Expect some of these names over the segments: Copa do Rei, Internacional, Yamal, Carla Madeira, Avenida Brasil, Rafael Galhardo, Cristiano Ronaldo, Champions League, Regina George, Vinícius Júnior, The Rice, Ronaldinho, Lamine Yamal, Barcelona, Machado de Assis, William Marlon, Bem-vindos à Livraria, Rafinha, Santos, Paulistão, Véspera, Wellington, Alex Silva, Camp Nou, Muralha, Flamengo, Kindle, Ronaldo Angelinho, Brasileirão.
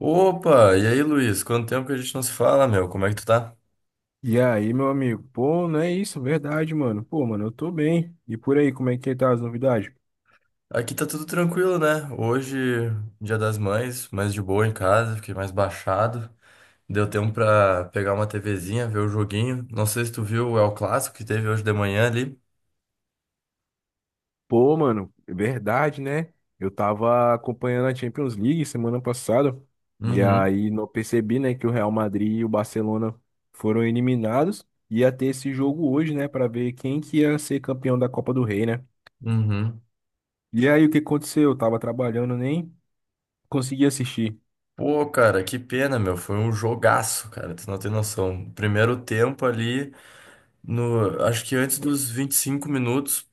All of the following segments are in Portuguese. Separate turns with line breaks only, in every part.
Opa, e aí, Luiz? Quanto tempo que a gente não se fala, meu? Como é que tu tá?
E aí, meu amigo? Pô, não é isso, verdade, mano. Pô, mano, eu tô bem. E por aí, como é que tá as novidades?
Aqui tá tudo tranquilo, né? Hoje, Dia das Mães, mais de boa em casa, fiquei mais baixado. Deu tempo pra pegar uma TVzinha, ver o joguinho. Não sei se tu viu o El Clássico que teve hoje de manhã ali.
Pô, mano, é verdade, né? Eu tava acompanhando a Champions League semana passada e
Uhum,
aí não percebi, né, que o Real Madrid e o Barcelona foram eliminados. Ia ter esse jogo hoje, né, pra ver quem que ia ser campeão da Copa do Rei, né?
uhum.
E aí, o que aconteceu? Eu tava trabalhando, nem consegui assistir.
Pô, cara, que pena, meu. Foi um jogaço, cara. Tu não tem noção. Primeiro tempo ali, no, acho que antes dos 25 minutos.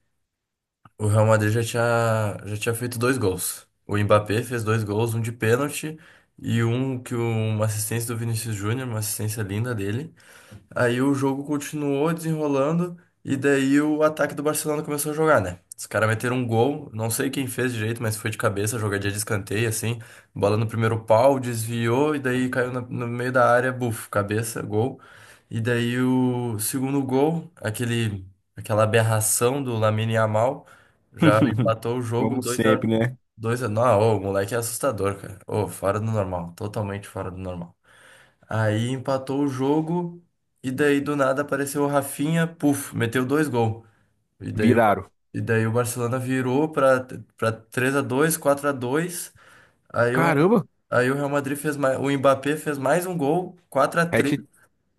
O Real Madrid já tinha feito dois gols. O Mbappé fez dois gols, um de pênalti e uma assistência do Vinícius Júnior, uma assistência linda dele. Aí o jogo continuou desenrolando e daí o ataque do Barcelona começou a jogar, né? Os caras meteram um gol, não sei quem fez direito, mas foi de cabeça, jogadinha de escanteio, assim. Bola no primeiro pau, desviou e daí caiu no meio da área, buf, cabeça, gol. E daí o segundo gol, aquela aberração do Lamine Yamal, já empatou o jogo
Como
dois a
sempre, né?
dois. Não, ô, o moleque é assustador, cara. Ô, fora do normal, totalmente fora do normal. Aí empatou o jogo e daí do nada apareceu o Rafinha, puf, meteu dois gols. E daí o,
Viraram.
e daí o Barcelona virou para 3-2, 4-2. Aí o Real-
Caramba,
Aí o Real Madrid fez mais, o Mbappé fez mais um gol, quatro a
hat,
três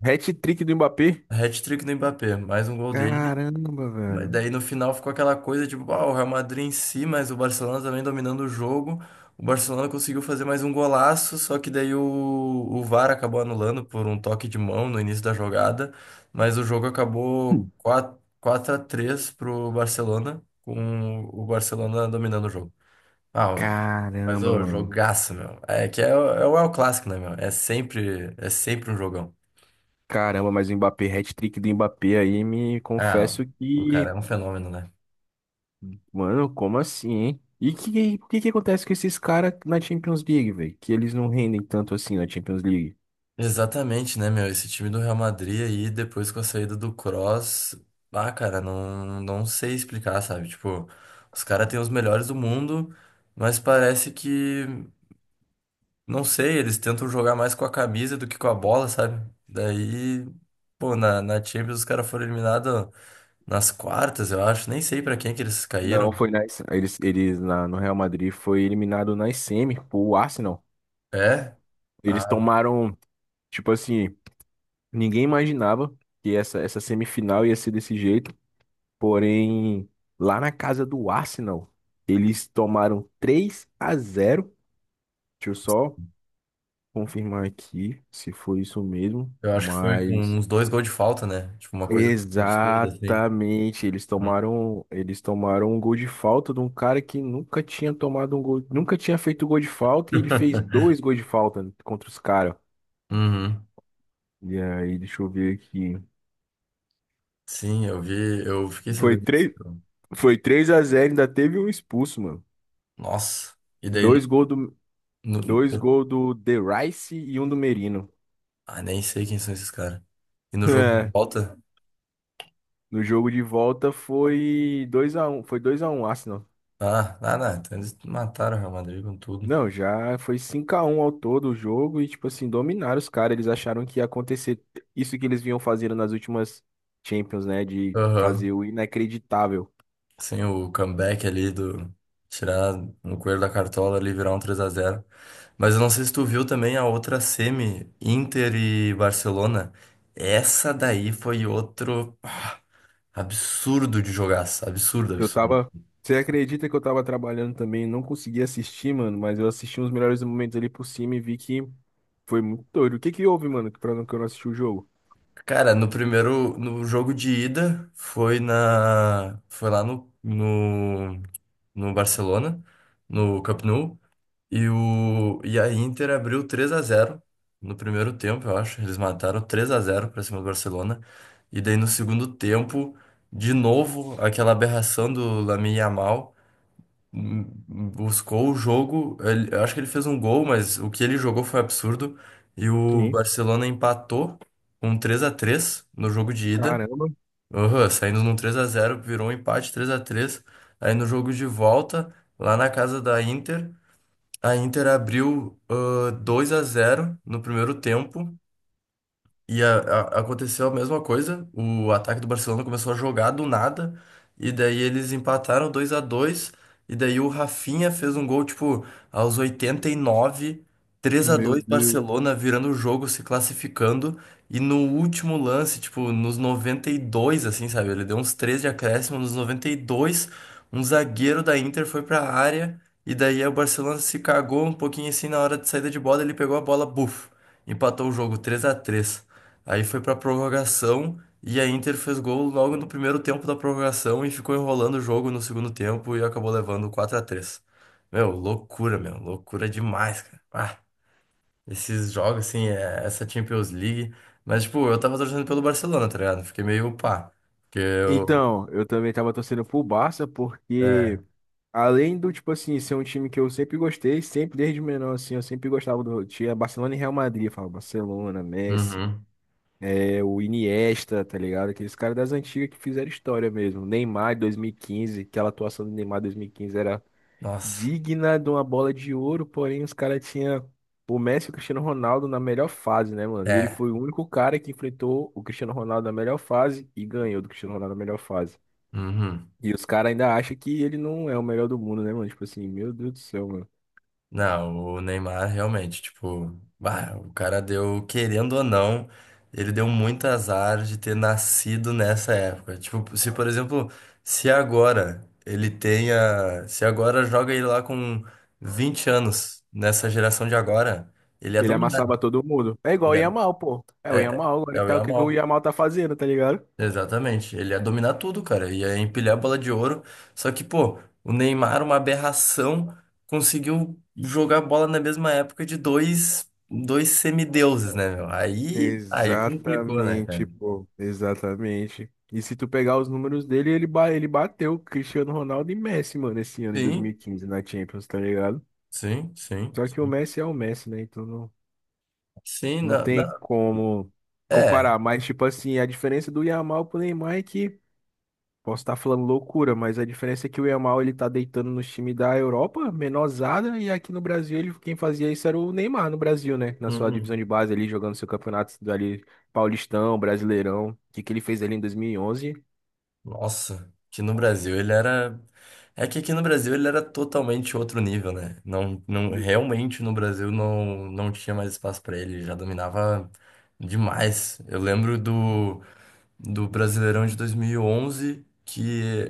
hat-trick do Mbappé.
Hat-trick do Mbappé, mais um gol dele.
Caramba,
Mas
velho.
daí no final ficou aquela coisa tipo, o Real Madrid em si, mas o Barcelona também dominando o jogo. O Barcelona conseguiu fazer mais um golaço, só que daí o VAR acabou anulando por um toque de mão no início da jogada. Mas o jogo acabou
Hum.
4 4-3 pro Barcelona, com o Barcelona dominando o jogo. Ah, mas
Caramba,
o
mano.
jogaço, meu. É que é, é o El Clássico, né, meu? É sempre um jogão.
Caramba, mas o Mbappé, hat-trick do Mbappé aí, me
Ah,
confesso
o
que,
cara é um fenômeno, né?
mano, como assim, hein? O que que acontece com esses caras na Champions League, velho? Que eles não rendem tanto assim na Champions League.
Exatamente, né, meu? Esse time do Real Madrid aí, depois com a saída do Kroos, ah, cara, não, não sei explicar, sabe? Tipo, os caras têm os melhores do mundo, mas parece que, não sei, eles tentam jogar mais com a camisa do que com a bola, sabe? Daí, pô, na Champions os caras foram eliminados nas quartas, eu acho, nem sei pra quem que eles caíram.
Não, eles no Real Madrid foi eliminado na semi pro Arsenal.
É?
Eles
Ah,
tomaram, tipo assim, ninguém imaginava que essa semifinal ia ser desse jeito. Porém, lá na casa do Arsenal, eles tomaram 3-0. Deixa eu só confirmar aqui se foi isso mesmo,
eu acho que foi com
mas
uns dois gols de falta, né? Tipo, uma coisa absurda, assim.
exatamente, eles tomaram um gol de falta de um cara que nunca tinha tomado um gol, nunca tinha feito gol de falta e ele fez dois gols de falta contra os caras.
Uhum.
E aí, deixa eu ver aqui.
Sim, eu vi, eu fiquei
Foi
sabendo disso.
3
então.
foi 3-0. Ainda teve um expulso, mano.
Nossa. E daí
Dois gols do,
no-
Dois
no-
gols do The Rice e um do Merino.
nem sei quem são esses caras. E no jogo de
É.
volta?
No jogo de volta foi 2-1 Arsenal.
Ah, ah, não. Então eles mataram o Real Madrid com tudo.
Não, já foi 5-1 ao todo o jogo e, tipo assim, dominaram os caras. Eles acharam que ia acontecer isso que eles vinham fazendo nas últimas Champions, né? De fazer
Aham.
o inacreditável.
Sim, o comeback ali do. Tirar um coelho da cartola ali e virar um 3-0. Mas eu não sei se tu viu também a outra semi, Inter e Barcelona. Essa daí foi outro absurdo de jogaço. Absurdo,
Eu
absurdo.
tava. Você acredita que eu tava trabalhando também? Não consegui assistir, mano, mas eu assisti uns melhores momentos ali por cima e vi que foi muito doido. O que que houve, mano, que pra não que eu não assisti o jogo?
Cara, no jogo de ida foi foi lá no Barcelona, no Camp Nou, e a Inter abriu 3-0 no primeiro tempo, eu acho, eles mataram 3-0 para cima do Barcelona. E daí no segundo tempo, de novo, aquela aberração do Lamine Yamal buscou o jogo. Eu acho que ele fez um gol, mas o que ele jogou foi absurdo. E o
Sim.
Barcelona empatou com 3-3 no jogo de ida.
Caramba.
Aham, saindo num 3-0 virou um empate 3-3. Aí no jogo de volta, lá na casa da Inter, a Inter abriu 2-0 no primeiro tempo. E aconteceu a mesma coisa. O ataque do Barcelona começou a jogar do nada. E daí eles empataram 2-2. E daí o Rafinha fez um gol, tipo, aos 89, três a
Meu
dois
Deus.
Barcelona virando o jogo, se classificando. E no último lance, tipo, nos 92 assim, sabe? Ele deu uns 3 de acréscimo. Nos 92, um zagueiro da Inter foi pra área. E daí o Barcelona se cagou um pouquinho assim na hora de saída de bola. Ele pegou a bola, buf, empatou o jogo 3-3. Aí foi pra prorrogação e a Inter fez gol logo no primeiro tempo da prorrogação e ficou enrolando o jogo no segundo tempo e acabou levando 4-3. Meu, loucura demais, cara. Ah, esses jogos, assim, essa Champions League. Mas, tipo, eu tava torcendo pelo Barcelona, tá ligado? Fiquei meio pá. Porque eu.
Então, eu também tava torcendo pro Barça, porque
É.
além do, tipo assim, ser um time que eu sempre gostei, sempre desde menor, assim, eu sempre gostava do. Tinha Barcelona e Real Madrid, eu falava Barcelona, Messi,
Uhum.
é, o Iniesta, tá ligado? Aqueles caras das antigas que fizeram história mesmo. Neymar 2015, aquela atuação do Neymar 2015 era
Nossa.
digna de uma bola de ouro, porém os caras tinham o Messi e o Cristiano Ronaldo na melhor fase, né, mano? E ele
É.
foi o único cara que enfrentou o Cristiano Ronaldo na melhor fase e ganhou do Cristiano Ronaldo na melhor fase.
Uhum.
E os caras ainda acham que ele não é o melhor do mundo, né, mano? Tipo assim, meu Deus do céu, mano.
Não, o Neymar realmente, tipo, bah, o cara deu, querendo ou não, ele deu muito azar de ter nascido nessa época. Tipo, se por exemplo, se agora joga ele lá com 20 anos, nessa geração de agora, ele é
Ele
dominado,
amassava todo mundo. É igual o
ele é,
Yamal, pô. É o
é,
Yamal agora
é
que
o
tá, o que que o
Yamal.
Yamal tá fazendo, tá ligado?
Exatamente, ele ia dominar tudo, cara, ia empilhar a bola de ouro. Só que, pô, o Neymar, uma aberração, conseguiu jogar bola na mesma época de dois semideuses, né, meu? Aí complicou, né,
Exatamente,
cara?
pô. Exatamente. E se tu pegar os números dele, ele bateu Cristiano Ronaldo e Messi, mano, esse ano em
Sim,
2015 na Champions, tá ligado?
sim, sim,
Só que o
sim.
Messi é o Messi, né? Então não,
Sim,
não
não,
tem
não.
como
É.
comparar. Mas, tipo assim, a diferença do Yamal pro Neymar é que. Posso estar falando loucura, mas a diferença é que o Yamal ele tá deitando no time da Europa, menorzada, e aqui no Brasil ele, quem fazia isso era o Neymar no Brasil, né? Na sua divisão
Uhum.
de base ali, jogando seu campeonato ali, Paulistão, Brasileirão, o que que ele fez ali em 2011?
Nossa, que no Brasil ele era. É que aqui no Brasil ele era totalmente outro nível, né? Não, não, realmente no Brasil não, não tinha mais espaço pra ele, ele já dominava demais. Eu lembro do Brasileirão de 2011, que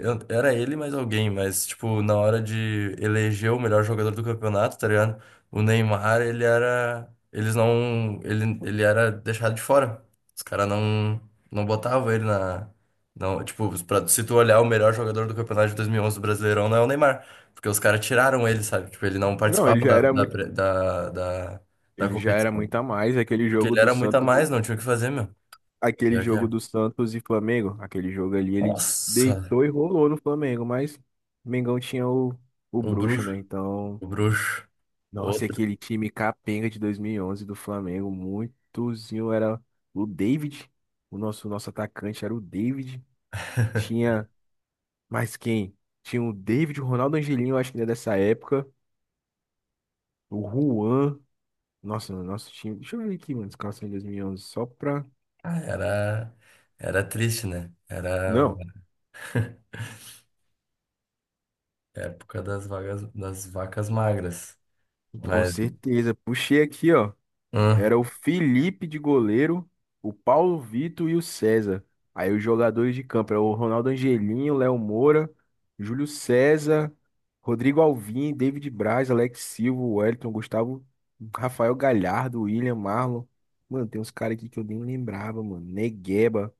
era ele mais alguém, mas, tipo, na hora de eleger o melhor jogador do campeonato, tá ligado? O Neymar, ele era. Eles não. Ele era deixado de fora. Os caras não, não botavam ele na. Não, tipo, se tu olhar o melhor jogador do campeonato de 2011 do Brasileirão, não é o Neymar. Porque os caras tiraram ele, sabe? Tipo, ele não
Não,
participava da, da, pre- da, da, da
ele já era
competição.
muito a mais,
Porque ele era muito a mais, não tinha o que fazer, meu.
Aquele
Pior que
jogo
é.
do Santos e Flamengo, aquele jogo ali ele
Nossa,
deitou e rolou no Flamengo, mas Mengão tinha o
o
bruxo,
bruxo,
né? Então.
o bruxo,
Nossa, e
outro.
aquele time capenga de 2011 do Flamengo, muitozinho era o David, o nosso atacante era o David. Tinha mais quem? Tinha o David, o Ronaldo Angelinho, eu acho que ele é dessa época, o Juan. Nossa, o nosso time. Deixa eu ver aqui, mano, escalação de 2011. Só pra
Ah, era triste, né? Era
Não,
época das vagas, das vacas magras.
com
Mas,
certeza. Puxei aqui, ó.
hum,
Era o Felipe de goleiro, o Paulo Vitor e o César. Aí os jogadores de campo, era o Ronaldo Angelinho, Léo Moura, Júlio César, Rodrigo Alvim, David Braz, Alex Silva, Wellington, Gustavo, Rafael Galhardo, William Marlon. Mano, tem uns caras aqui que eu nem lembrava, mano. Negueba.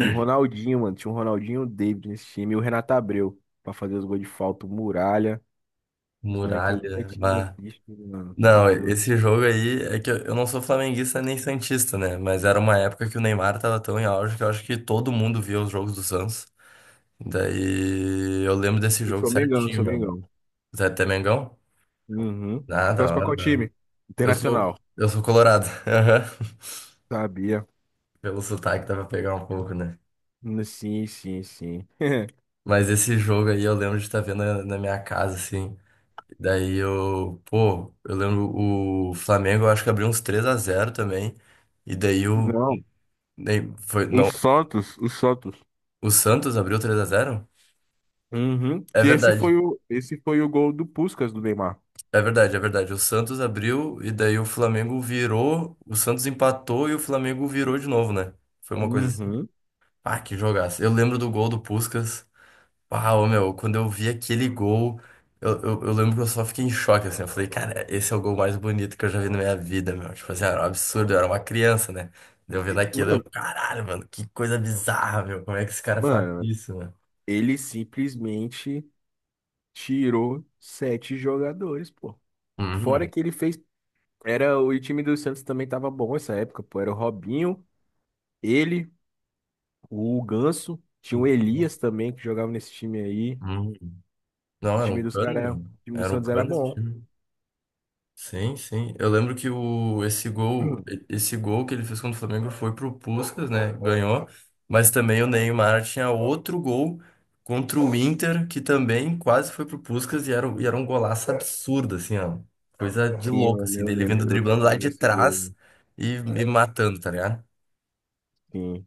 E o Ronaldinho, mano. Tinha o Ronaldinho e o David nesse time. E o Renato Abreu, pra fazer os gols de falta, o Muralha. Os moleques que eu nunca
muralha.
tinha
Bah.
visto, mano. Tá
Não,
doido.
esse jogo aí é que eu não sou flamenguista nem santista, né? Mas era uma época que o Neymar tava tão em auge que eu acho que todo mundo via os jogos do Santos. Daí eu lembro desse
Eu
jogo
sou Mengão, eu
certinho,
sou
meu.
Mengão.
Zé até Mengão?
Uhum.
Ah, da
Torce pra
hora,
qual
da hora.
time?
Eu
Internacional.
sou, eu sou colorado.
Sabia.
Pelo sotaque dá pra pegar um pouco, né?
Sim, sim, sim.
Mas esse jogo aí eu lembro de estar vendo na minha casa, assim. Daí eu, pô, eu lembro o Flamengo, eu acho que abriu uns 3-0 também. E daí o.
Não.
nem- Foi,
O
não,
Santos, o Santos.
o Santos abriu 3-0.
Uhum.
É
Que esse
verdade,
foi o, esse foi o gol do Puskás do Neymar.
é verdade, é verdade. O Santos abriu e daí o Flamengo virou, o Santos empatou e o Flamengo virou de novo, né? Foi uma coisa assim.
Uhum.
Ah, que jogaço. Eu lembro do gol do Puskás. Ah, ô, meu, quando eu vi aquele gol, eu lembro que eu só fiquei em choque, assim. Eu falei, cara, esse é o gol mais bonito que eu já vi na minha vida, meu. Tipo assim, era um absurdo, eu era uma criança, né? Eu vendo
E-
aquilo, eu,
Mano,
caralho, mano, que coisa bizarra, meu. Como é que esse cara faz
mano,
isso, né?
ele simplesmente tirou sete jogadores, pô. Fora
Uhum.
que ele fez. Era, o time do Santos também tava bom essa época, pô. Era o Robinho, ele, o Ganso, tinha o Elias
Nossa.
também que jogava nesse time aí.
Uhum.
O
Não, era
time
um
dos
cano,
caras,
mano.
o time do
Era um
Santos era
cano esse
bom.
time. Sim, sim. Eu lembro esse gol, esse gol que ele fez contra o Flamengo foi pro Puskás, né? Ganhou. Mas também o Neymar tinha outro gol contra o Inter, que também quase foi pro Puskás e era, e era um golaço absurdo, assim, ó. Coisa de
Sim,
louco,
eu,
assim,
eu
dele
lembro,
vindo
eu
driblando lá
lembro
de
desse gol
trás
aí.
e matando, tá ligado?
Sim.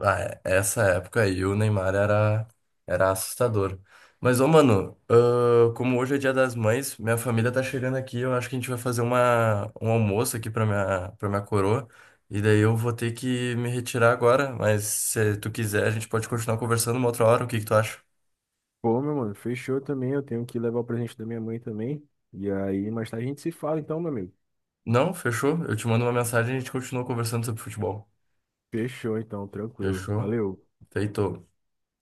Ah, essa época aí o Neymar era, era assustador. Mas, ô, mano, ah, como hoje é Dia das Mães, minha família tá chegando aqui, eu acho que a gente vai fazer um almoço aqui pra minha coroa. E daí eu vou ter que me retirar agora, mas se tu quiser, a gente pode continuar conversando uma outra hora, o que que tu acha?
Pô, meu mano, fechou também. Eu tenho que levar o presente da minha mãe também. E aí, mais tarde a gente se fala então, meu amigo.
Não? Fechou? Eu te mando uma mensagem e a gente continua conversando sobre futebol.
Fechou então, tranquilo.
Fechou?
Valeu.
Feito.